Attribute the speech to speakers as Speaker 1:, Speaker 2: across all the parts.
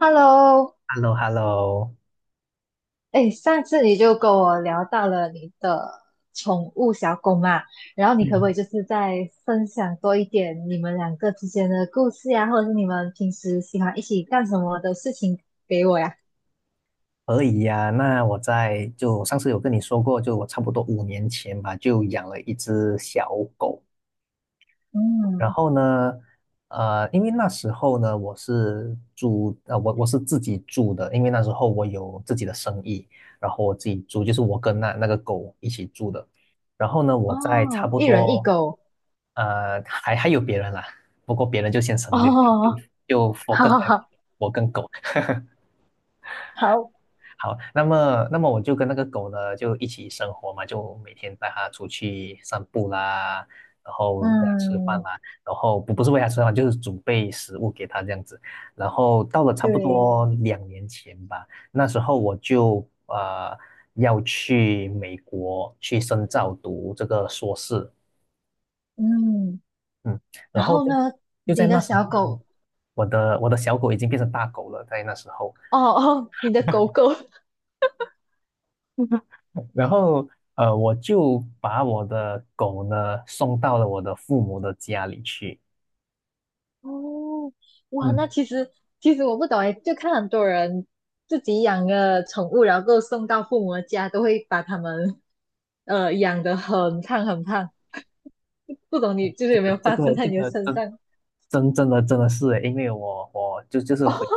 Speaker 1: Hello，
Speaker 2: h e l l o h e l l o
Speaker 1: 哎，上次你就跟我聊到了你的宠物小狗嘛，然后你可不
Speaker 2: 嗯，
Speaker 1: 可以就是再分享多一点你们两个之间的故事呀，或者是你们平时喜欢一起干什么的事情给我呀？
Speaker 2: 可以呀。那就上次有跟你说过，就我差不多5年前吧，就养了一只小狗。然
Speaker 1: 嗯，
Speaker 2: 后呢，因为那时候呢，我是自己住的，因为那时候我有自己的生意，然后我自己住，就是我跟那个狗一起住的。然后呢，我在差
Speaker 1: 哦，
Speaker 2: 不
Speaker 1: 一人一
Speaker 2: 多，
Speaker 1: 狗，
Speaker 2: 呃，还有别人啦，不过别人就先
Speaker 1: 哦，
Speaker 2: 省略，就就 就
Speaker 1: 好
Speaker 2: focus
Speaker 1: 好
Speaker 2: 在
Speaker 1: 好，
Speaker 2: 我跟狗。
Speaker 1: 好，
Speaker 2: 好，那么我就跟那个狗呢就一起生活嘛，就每天带它出去散步啦，然后喂它吃饭
Speaker 1: 嗯，
Speaker 2: 啦，然后不是喂它吃饭，就是准备食物给它这样子。然后到了差不
Speaker 1: 对，
Speaker 2: 多2年前吧，那时候我就要去美国去深造读这个硕士。
Speaker 1: 嗯，
Speaker 2: 嗯，然
Speaker 1: 然
Speaker 2: 后
Speaker 1: 后
Speaker 2: 就
Speaker 1: 呢，
Speaker 2: 就在
Speaker 1: 你的
Speaker 2: 那时
Speaker 1: 小
Speaker 2: 候呢
Speaker 1: 狗，
Speaker 2: 我的小狗已经变成大狗了，在那时候。
Speaker 1: 哦哦，你的 狗狗，
Speaker 2: 然后我就把我的狗呢送到了我的父母的家里去。
Speaker 1: 哦，哇，那
Speaker 2: 嗯。
Speaker 1: 其实其实我不懂哎，就看很多人自己养个宠物，然后送到父母的家，都会把它们养得很胖很胖。不懂你就是
Speaker 2: 这
Speaker 1: 有没
Speaker 2: 个
Speaker 1: 有
Speaker 2: 这
Speaker 1: 发生
Speaker 2: 个
Speaker 1: 在
Speaker 2: 这
Speaker 1: 你的
Speaker 2: 个
Speaker 1: 身
Speaker 2: 真
Speaker 1: 上？
Speaker 2: 真真的真的是诶，因为我就就 是
Speaker 1: 哦，
Speaker 2: 回到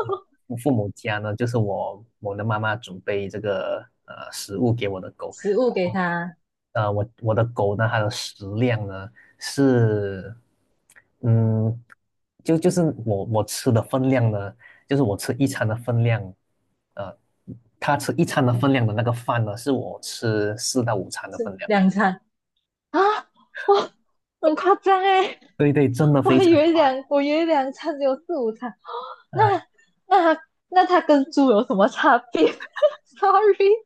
Speaker 2: 我父母家呢，就是我的妈妈准备这个食物给我的狗。
Speaker 1: 食物给它
Speaker 2: 我的狗呢，它的食量呢是，嗯，就是我吃的分量呢，就是我吃一餐的分量。呃，它吃一餐的分量的那个饭呢，是我吃4到5餐的分
Speaker 1: 吃
Speaker 2: 量。
Speaker 1: 两餐啊，哇，很夸张哎，
Speaker 2: 对对，真的非常宽
Speaker 1: 我以为两餐只有四五餐，
Speaker 2: 张。
Speaker 1: 那那它那它跟猪有什么差别 ？Sorry，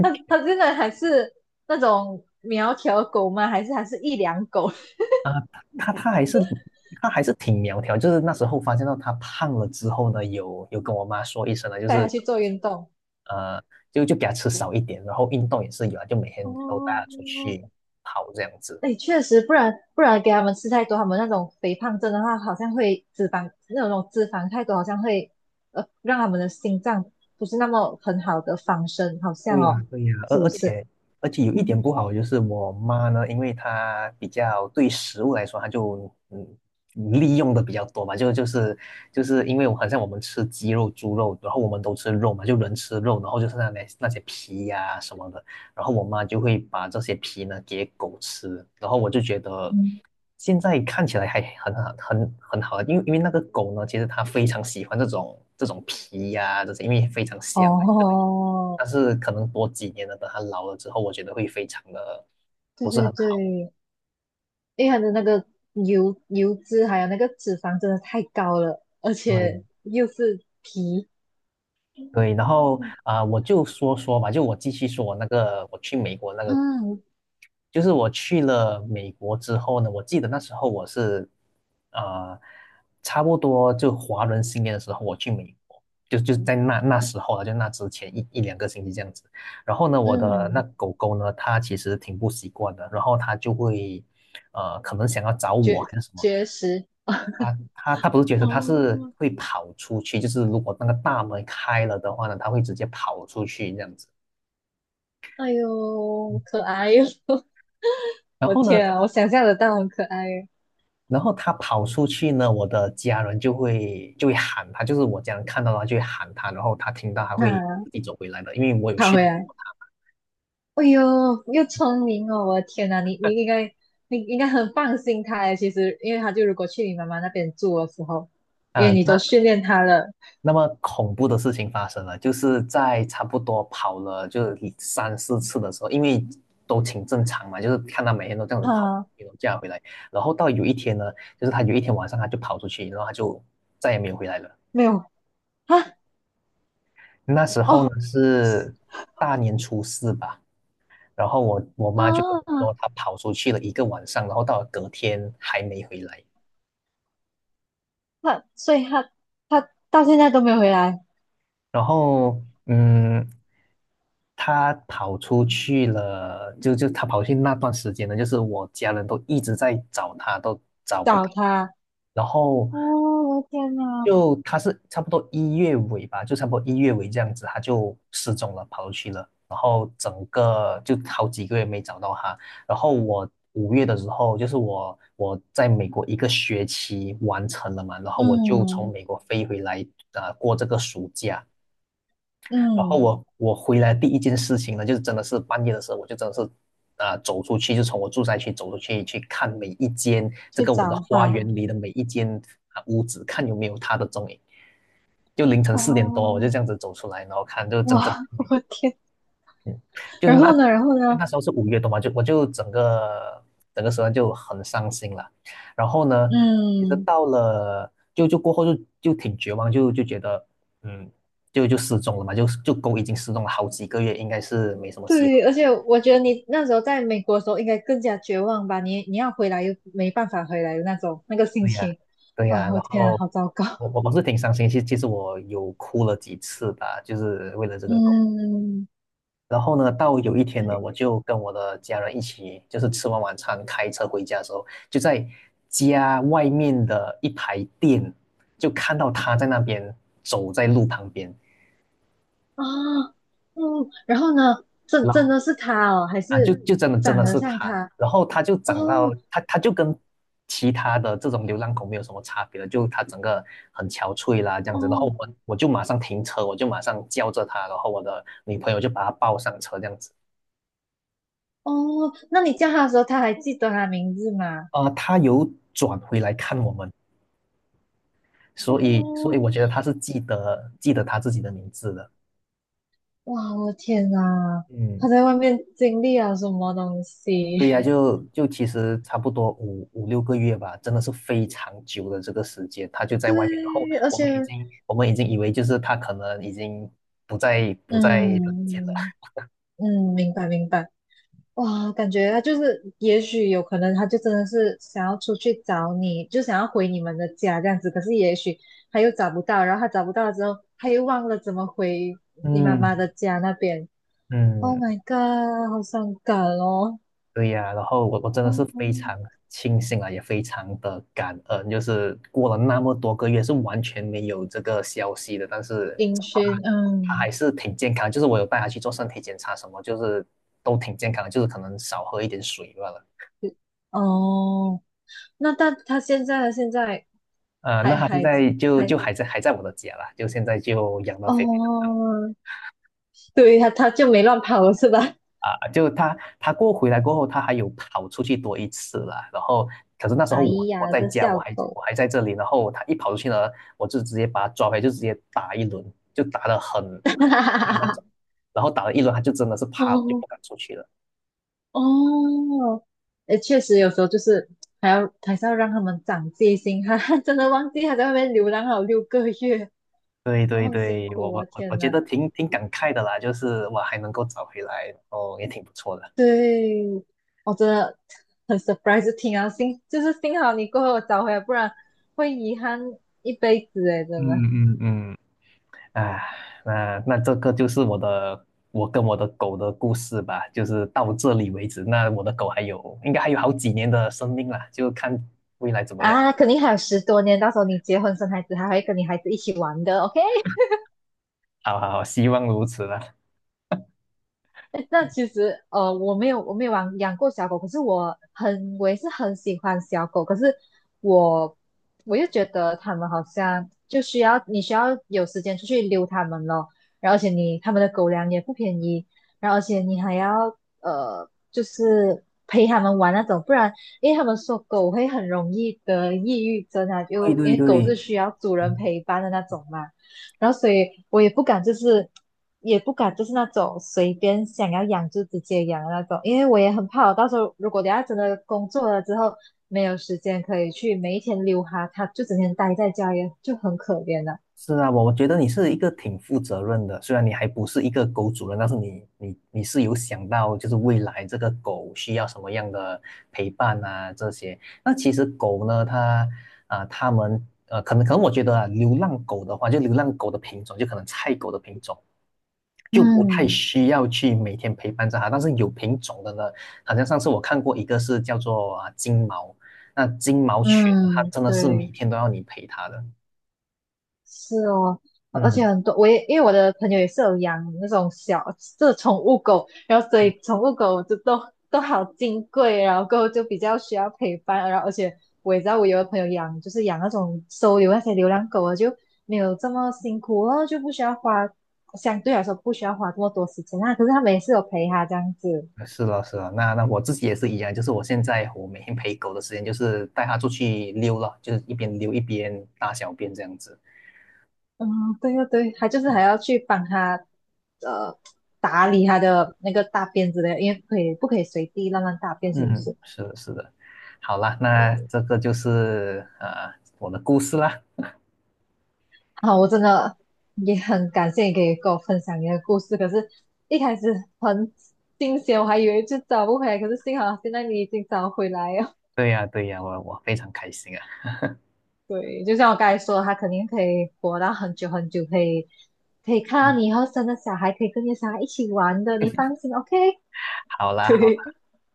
Speaker 1: 他真的还是那种苗条狗吗？还是一两狗
Speaker 2: 啊，他他还是他还是挺苗条，就是那时候发现到他胖了之后呢，有跟我妈说一声呢，就
Speaker 1: 带它
Speaker 2: 是
Speaker 1: 去做运动？
Speaker 2: 呃，就给他吃少一点，然后运动也是有啊，就每天都带他出
Speaker 1: 哦，
Speaker 2: 去跑这样子。
Speaker 1: 哎，确实，不然给他们吃太多，他们那种肥胖症的话，好像会脂肪那种脂肪太多，好像会让他们的心脏不是那么很好的防身，好像
Speaker 2: 对呀，
Speaker 1: 哦，
Speaker 2: 对呀，而
Speaker 1: 是不
Speaker 2: 而
Speaker 1: 是？
Speaker 2: 且而且有一点
Speaker 1: 嗯
Speaker 2: 不好，就是我妈呢，因为她比较对食物来说，她就利用的比较多嘛，就是因为我好像我们吃鸡肉、猪肉，然后我们都吃肉嘛，就人吃肉，然后就是那些皮呀、什么的，然后我妈就会把这些皮呢给狗吃，然后我就觉得
Speaker 1: 嗯，
Speaker 2: 现在看起来还很好，很好，因为那个狗呢，其实它非常喜欢这种皮呀、这些，因为非常香。
Speaker 1: 哦，
Speaker 2: 但是可能多几年了，等他老了之后，我觉得会非常的
Speaker 1: 对
Speaker 2: 不是
Speaker 1: 对
Speaker 2: 很好。
Speaker 1: 对，因为它的那个油脂还有那个脂肪真的太高了，而
Speaker 2: 对
Speaker 1: 且又是皮，
Speaker 2: 对，然后
Speaker 1: 嗯
Speaker 2: 我就说说吧，就我继续说我那个我去美国那个，
Speaker 1: 嗯
Speaker 2: 就是我去了美国之后呢，我记得那时候我是啊呃差不多就华人新年的时候我去美国。就在那时候啊，就那之前一两个星期这样子。然后呢，我的那
Speaker 1: 嗯，
Speaker 2: 狗狗呢，它其实挺不习惯的，然后它就会，可能想要找我
Speaker 1: 绝
Speaker 2: 还是什么。
Speaker 1: 绝食
Speaker 2: 啊，他不是绝食，他是
Speaker 1: 哦，
Speaker 2: 会跑出去，就是如果那个大门开了的话呢，他会直接跑出去这样子。
Speaker 1: 哎呦，可爱哟！
Speaker 2: 然
Speaker 1: 我
Speaker 2: 后呢，
Speaker 1: 天啊，我
Speaker 2: 他
Speaker 1: 想象得到很可爱耶。
Speaker 2: 然后他跑出去呢，我的家人就会喊他，就是我家人看到他就会喊他，然后他听到他会
Speaker 1: 啊，
Speaker 2: 自己走回来的，因为我有
Speaker 1: 跑
Speaker 2: 训
Speaker 1: 回
Speaker 2: 练
Speaker 1: 来，哎呦，又聪明哦！我的天呐，你应该很放心他耶。其实，因为他就如果去你妈妈那边住的时候，因为
Speaker 2: 啊。
Speaker 1: 你都训练他了
Speaker 2: 那么恐怖的事情发生了，就是在差不多跑了就三四次的时候，因为都挺正常嘛，就是看他每天都这样子跑，
Speaker 1: 啊，
Speaker 2: 运这样回来，然后到有一天呢，就是他有一天晚上他就跑出去，然后他就再也没有回来了。
Speaker 1: 没有啊
Speaker 2: 那时候
Speaker 1: 哦
Speaker 2: 呢是大年初4吧。然后我妈就跟我
Speaker 1: 啊，
Speaker 2: 说，她跑出去了一个晚上，然后到了隔天还没回来。
Speaker 1: 他所以他他到现在都没有回来
Speaker 2: 然后他跑出去了，就他跑去那段时间呢，就是我家人都一直在找他，都找不
Speaker 1: 找
Speaker 2: 到。
Speaker 1: 他。
Speaker 2: 然后
Speaker 1: 哦，我的天呐！
Speaker 2: 就他是差不多一月尾吧，就差不多一月尾这样子，他就失踪了，跑出去了。然后整个就好几个月没找到他。然后我五月的时候，就是我在美国一个学期完成了嘛，然后我就从
Speaker 1: 嗯
Speaker 2: 美国飞回来，过这个暑假。然后
Speaker 1: 嗯，
Speaker 2: 我回来第一件事情呢，就是真的是半夜的时候，我就真的是走出去，就从我住宅区走出去去看每一间这
Speaker 1: 去
Speaker 2: 个我的
Speaker 1: 找
Speaker 2: 花
Speaker 1: 他。
Speaker 2: 园里的每一间屋子，看有没有他的踪影。就凌晨4点多，我就
Speaker 1: 哦，
Speaker 2: 这样子走出来，然后看就真正。
Speaker 1: 哇，我天！
Speaker 2: 嗯，就
Speaker 1: 然
Speaker 2: 那
Speaker 1: 后呢，然后
Speaker 2: 就
Speaker 1: 呢？
Speaker 2: 那时候是5月多嘛，就我就整个时段就很伤心了。然后呢，其实
Speaker 1: 嗯，
Speaker 2: 到了过后挺绝望，就觉得嗯，就失踪了嘛，就狗已经失踪了好几个月，应该是没什么希
Speaker 1: 对，
Speaker 2: 望。
Speaker 1: 而且我觉得你那时候在美国的时候应该更加绝望吧？你要回来又没办法回来的那种那个心
Speaker 2: 对呀，
Speaker 1: 情
Speaker 2: 对呀。
Speaker 1: 啊！我
Speaker 2: 然
Speaker 1: 天啊，
Speaker 2: 后
Speaker 1: 好糟糕。
Speaker 2: 我是挺伤心，其实我有哭了几次吧，就是为了这个狗。
Speaker 1: 嗯
Speaker 2: 然后呢，到有一天呢，我就跟我的家人一起，就是吃完晚餐开车回家的时候，就在家外面的一排店，就看到他在那边走在路旁边。
Speaker 1: 啊嗯，然后呢？
Speaker 2: 然
Speaker 1: 真
Speaker 2: 后
Speaker 1: 的是他哦，还
Speaker 2: 就
Speaker 1: 是
Speaker 2: 就真的真
Speaker 1: 长
Speaker 2: 的
Speaker 1: 得
Speaker 2: 是
Speaker 1: 像
Speaker 2: 他，
Speaker 1: 他？
Speaker 2: 然后他就长到
Speaker 1: 哦
Speaker 2: 他他就跟其他的这种流浪狗没有什么差别了，就他整个很憔悴啦这样子，然后
Speaker 1: 哦
Speaker 2: 我就马上停车，我就马上叫着他，然后我的女朋友就把他抱上车这样子。
Speaker 1: 哦，那你叫他的时候，他还记得他名字吗？
Speaker 2: 他有转回来看我们。所以
Speaker 1: 哦
Speaker 2: 我觉得他是记得记得他自己的名字的。
Speaker 1: 哇，我的天呐，
Speaker 2: 嗯，
Speaker 1: 他在外面经历了什么东西？
Speaker 2: 对呀，就其实差不多五六个月吧，真的是非常久的这个时间，他就 在外面，然后
Speaker 1: 对，而
Speaker 2: 我
Speaker 1: 且，
Speaker 2: 们已经我们已经以为就是他可能已经不在人间了。
Speaker 1: 嗯嗯，明白明白。哇，感觉他就是，也许有可能他就真的是想要出去找你，就想要回你们的家这样子。可是也许他又找不到，然后他找不到了之后，他又忘了怎么回你妈妈
Speaker 2: 嗯
Speaker 1: 的家那边。Oh
Speaker 2: 嗯，
Speaker 1: my god，好伤感哦。
Speaker 2: 对呀，然后我 真的
Speaker 1: 哦，
Speaker 2: 是非常庆幸啊，也非常的感恩，就是过了那么多个月是完全没有这个消息的，但是
Speaker 1: 音
Speaker 2: 啊，
Speaker 1: 讯，
Speaker 2: 他
Speaker 1: 嗯，
Speaker 2: 还是挺健康，就是我有带他去做身体检查什么，就是都挺健康的，就是可能少喝一点水罢了。
Speaker 1: 哦。那但他现在他现在
Speaker 2: 那
Speaker 1: 还
Speaker 2: 他现
Speaker 1: 还
Speaker 2: 在就
Speaker 1: 还
Speaker 2: 就还在我的家啦，就现在就养到肥肥
Speaker 1: 哦，对他他就没乱跑了是吧？
Speaker 2: 啊。就他过回来过后，他还有跑出去多一次啦。然后，可是那时候
Speaker 1: 哎
Speaker 2: 我
Speaker 1: 呀，
Speaker 2: 在
Speaker 1: 这
Speaker 2: 家，我
Speaker 1: 小
Speaker 2: 还
Speaker 1: 狗，
Speaker 2: 我还在这里。然后他一跑出去呢，我就直接把他抓回来，就直接打一轮，就打的很用
Speaker 1: 哈
Speaker 2: 力
Speaker 1: 哈
Speaker 2: 那种。
Speaker 1: 哈
Speaker 2: 然后打了一轮，他就真的是怕了，就
Speaker 1: 哦
Speaker 2: 不敢出去了。
Speaker 1: 哦，诶，确实有时候就是还是要让他们长戒心，哈哈，真的忘记他在外面流浪好6个月，
Speaker 2: 对对
Speaker 1: 哦，很辛
Speaker 2: 对，我
Speaker 1: 苦啊，
Speaker 2: 我我我
Speaker 1: 天
Speaker 2: 觉
Speaker 1: 呐，
Speaker 2: 得挺感慨的啦，就是我还能够找回来，然后也挺不错的。
Speaker 1: 对，我真的很 surprise，听啊，幸就是幸好你过后我找回来，不然会遗憾一辈子诶，真的。
Speaker 2: 嗯嗯嗯。啊，那这个就是我的，我跟我的狗的故事吧，就是到这里为止。那我的狗还有，应该还有好几年的生命了，就看未来怎么样。
Speaker 1: 啊，肯定还有10多年，到时候你结婚生孩子，还会跟你孩子一起玩的，OK？
Speaker 2: 好好好，希望如此啦。
Speaker 1: 那其实，我没有养过小狗，可是我也是很喜欢小狗，可是我我又觉得它们好像就需要你需要有时间出去溜它们咯，然后而且你它们的狗粮也不便宜，然后而且你还要就是陪它们玩那种，不然因为他们说狗会很容易得抑郁症啊，
Speaker 2: 对
Speaker 1: 就因
Speaker 2: 对
Speaker 1: 为狗是
Speaker 2: 对，
Speaker 1: 需要主人
Speaker 2: 嗯，
Speaker 1: 陪伴的那种嘛。然后所以我也不敢就是也不敢就是那种随便想要养就直接养的那种，因为我也很怕我到时候如果等下真的工作了之后没有时间可以去每一天溜哈，它就整天待在家也就很可怜了。
Speaker 2: 是啊，我觉得你是一个挺负责任的，虽然你还不是一个狗主人，但是你是有想到就是未来这个狗需要什么样的陪伴啊这些。那其实狗呢，它们可能我觉得啊，流浪狗的话，就流浪狗的品种，就可能菜狗的品种，就不太
Speaker 1: 嗯
Speaker 2: 需要去每天陪伴着它。但是有品种的呢，好像上次我看过一个是叫做金毛，那金毛犬，它
Speaker 1: 嗯，
Speaker 2: 真的是每
Speaker 1: 对。
Speaker 2: 天都要你陪它的。
Speaker 1: 是哦，而且
Speaker 2: 嗯，
Speaker 1: 很多，因为我的朋友也是有养那种小，这是宠物狗，然后所以宠物狗就都好金贵，然后过后就比较需要陪伴，然后而且我也知道我有的朋友养就是养那种收留那些流浪狗啊，就没有这么辛苦然后就不需要花，相对来说不需要花这么多时间啊，可是他每次有陪他这样子，
Speaker 2: 是了，是了。那我自己也是一样，就是我现在我每天陪狗的时间就是带它出去溜了，就是一边溜一边大小便这样子。
Speaker 1: 嗯，对对对，他就是还要去帮他呃。打理他的那个大便之类的，因为不可以随地乱乱大便，是不
Speaker 2: 嗯，
Speaker 1: 是？
Speaker 2: 是的，是的。好啦，那这个就是我的故事啦。
Speaker 1: 好，我真的也很感谢你可以跟我分享你的故事。可是，一开始很惊险，我还以为就找不回来，可是幸好现在你已经找回来了。
Speaker 2: 对呀，对呀，我非常开心啊。
Speaker 1: 对，就像我刚才说的，他肯定可以活到很久很久，可以看
Speaker 2: 嗯，
Speaker 1: 到你以后生的小孩，可以跟你的小孩一起玩的，你放心，OK？
Speaker 2: 好 啦，好啦，
Speaker 1: 对，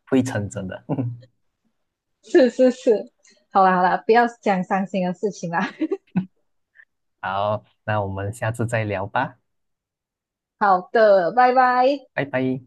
Speaker 2: 会成真的。
Speaker 1: 是是是，好啦好啦，不要讲伤心的事情啦。
Speaker 2: 好，那我们下次再聊吧，
Speaker 1: 好的，拜拜。
Speaker 2: 拜拜。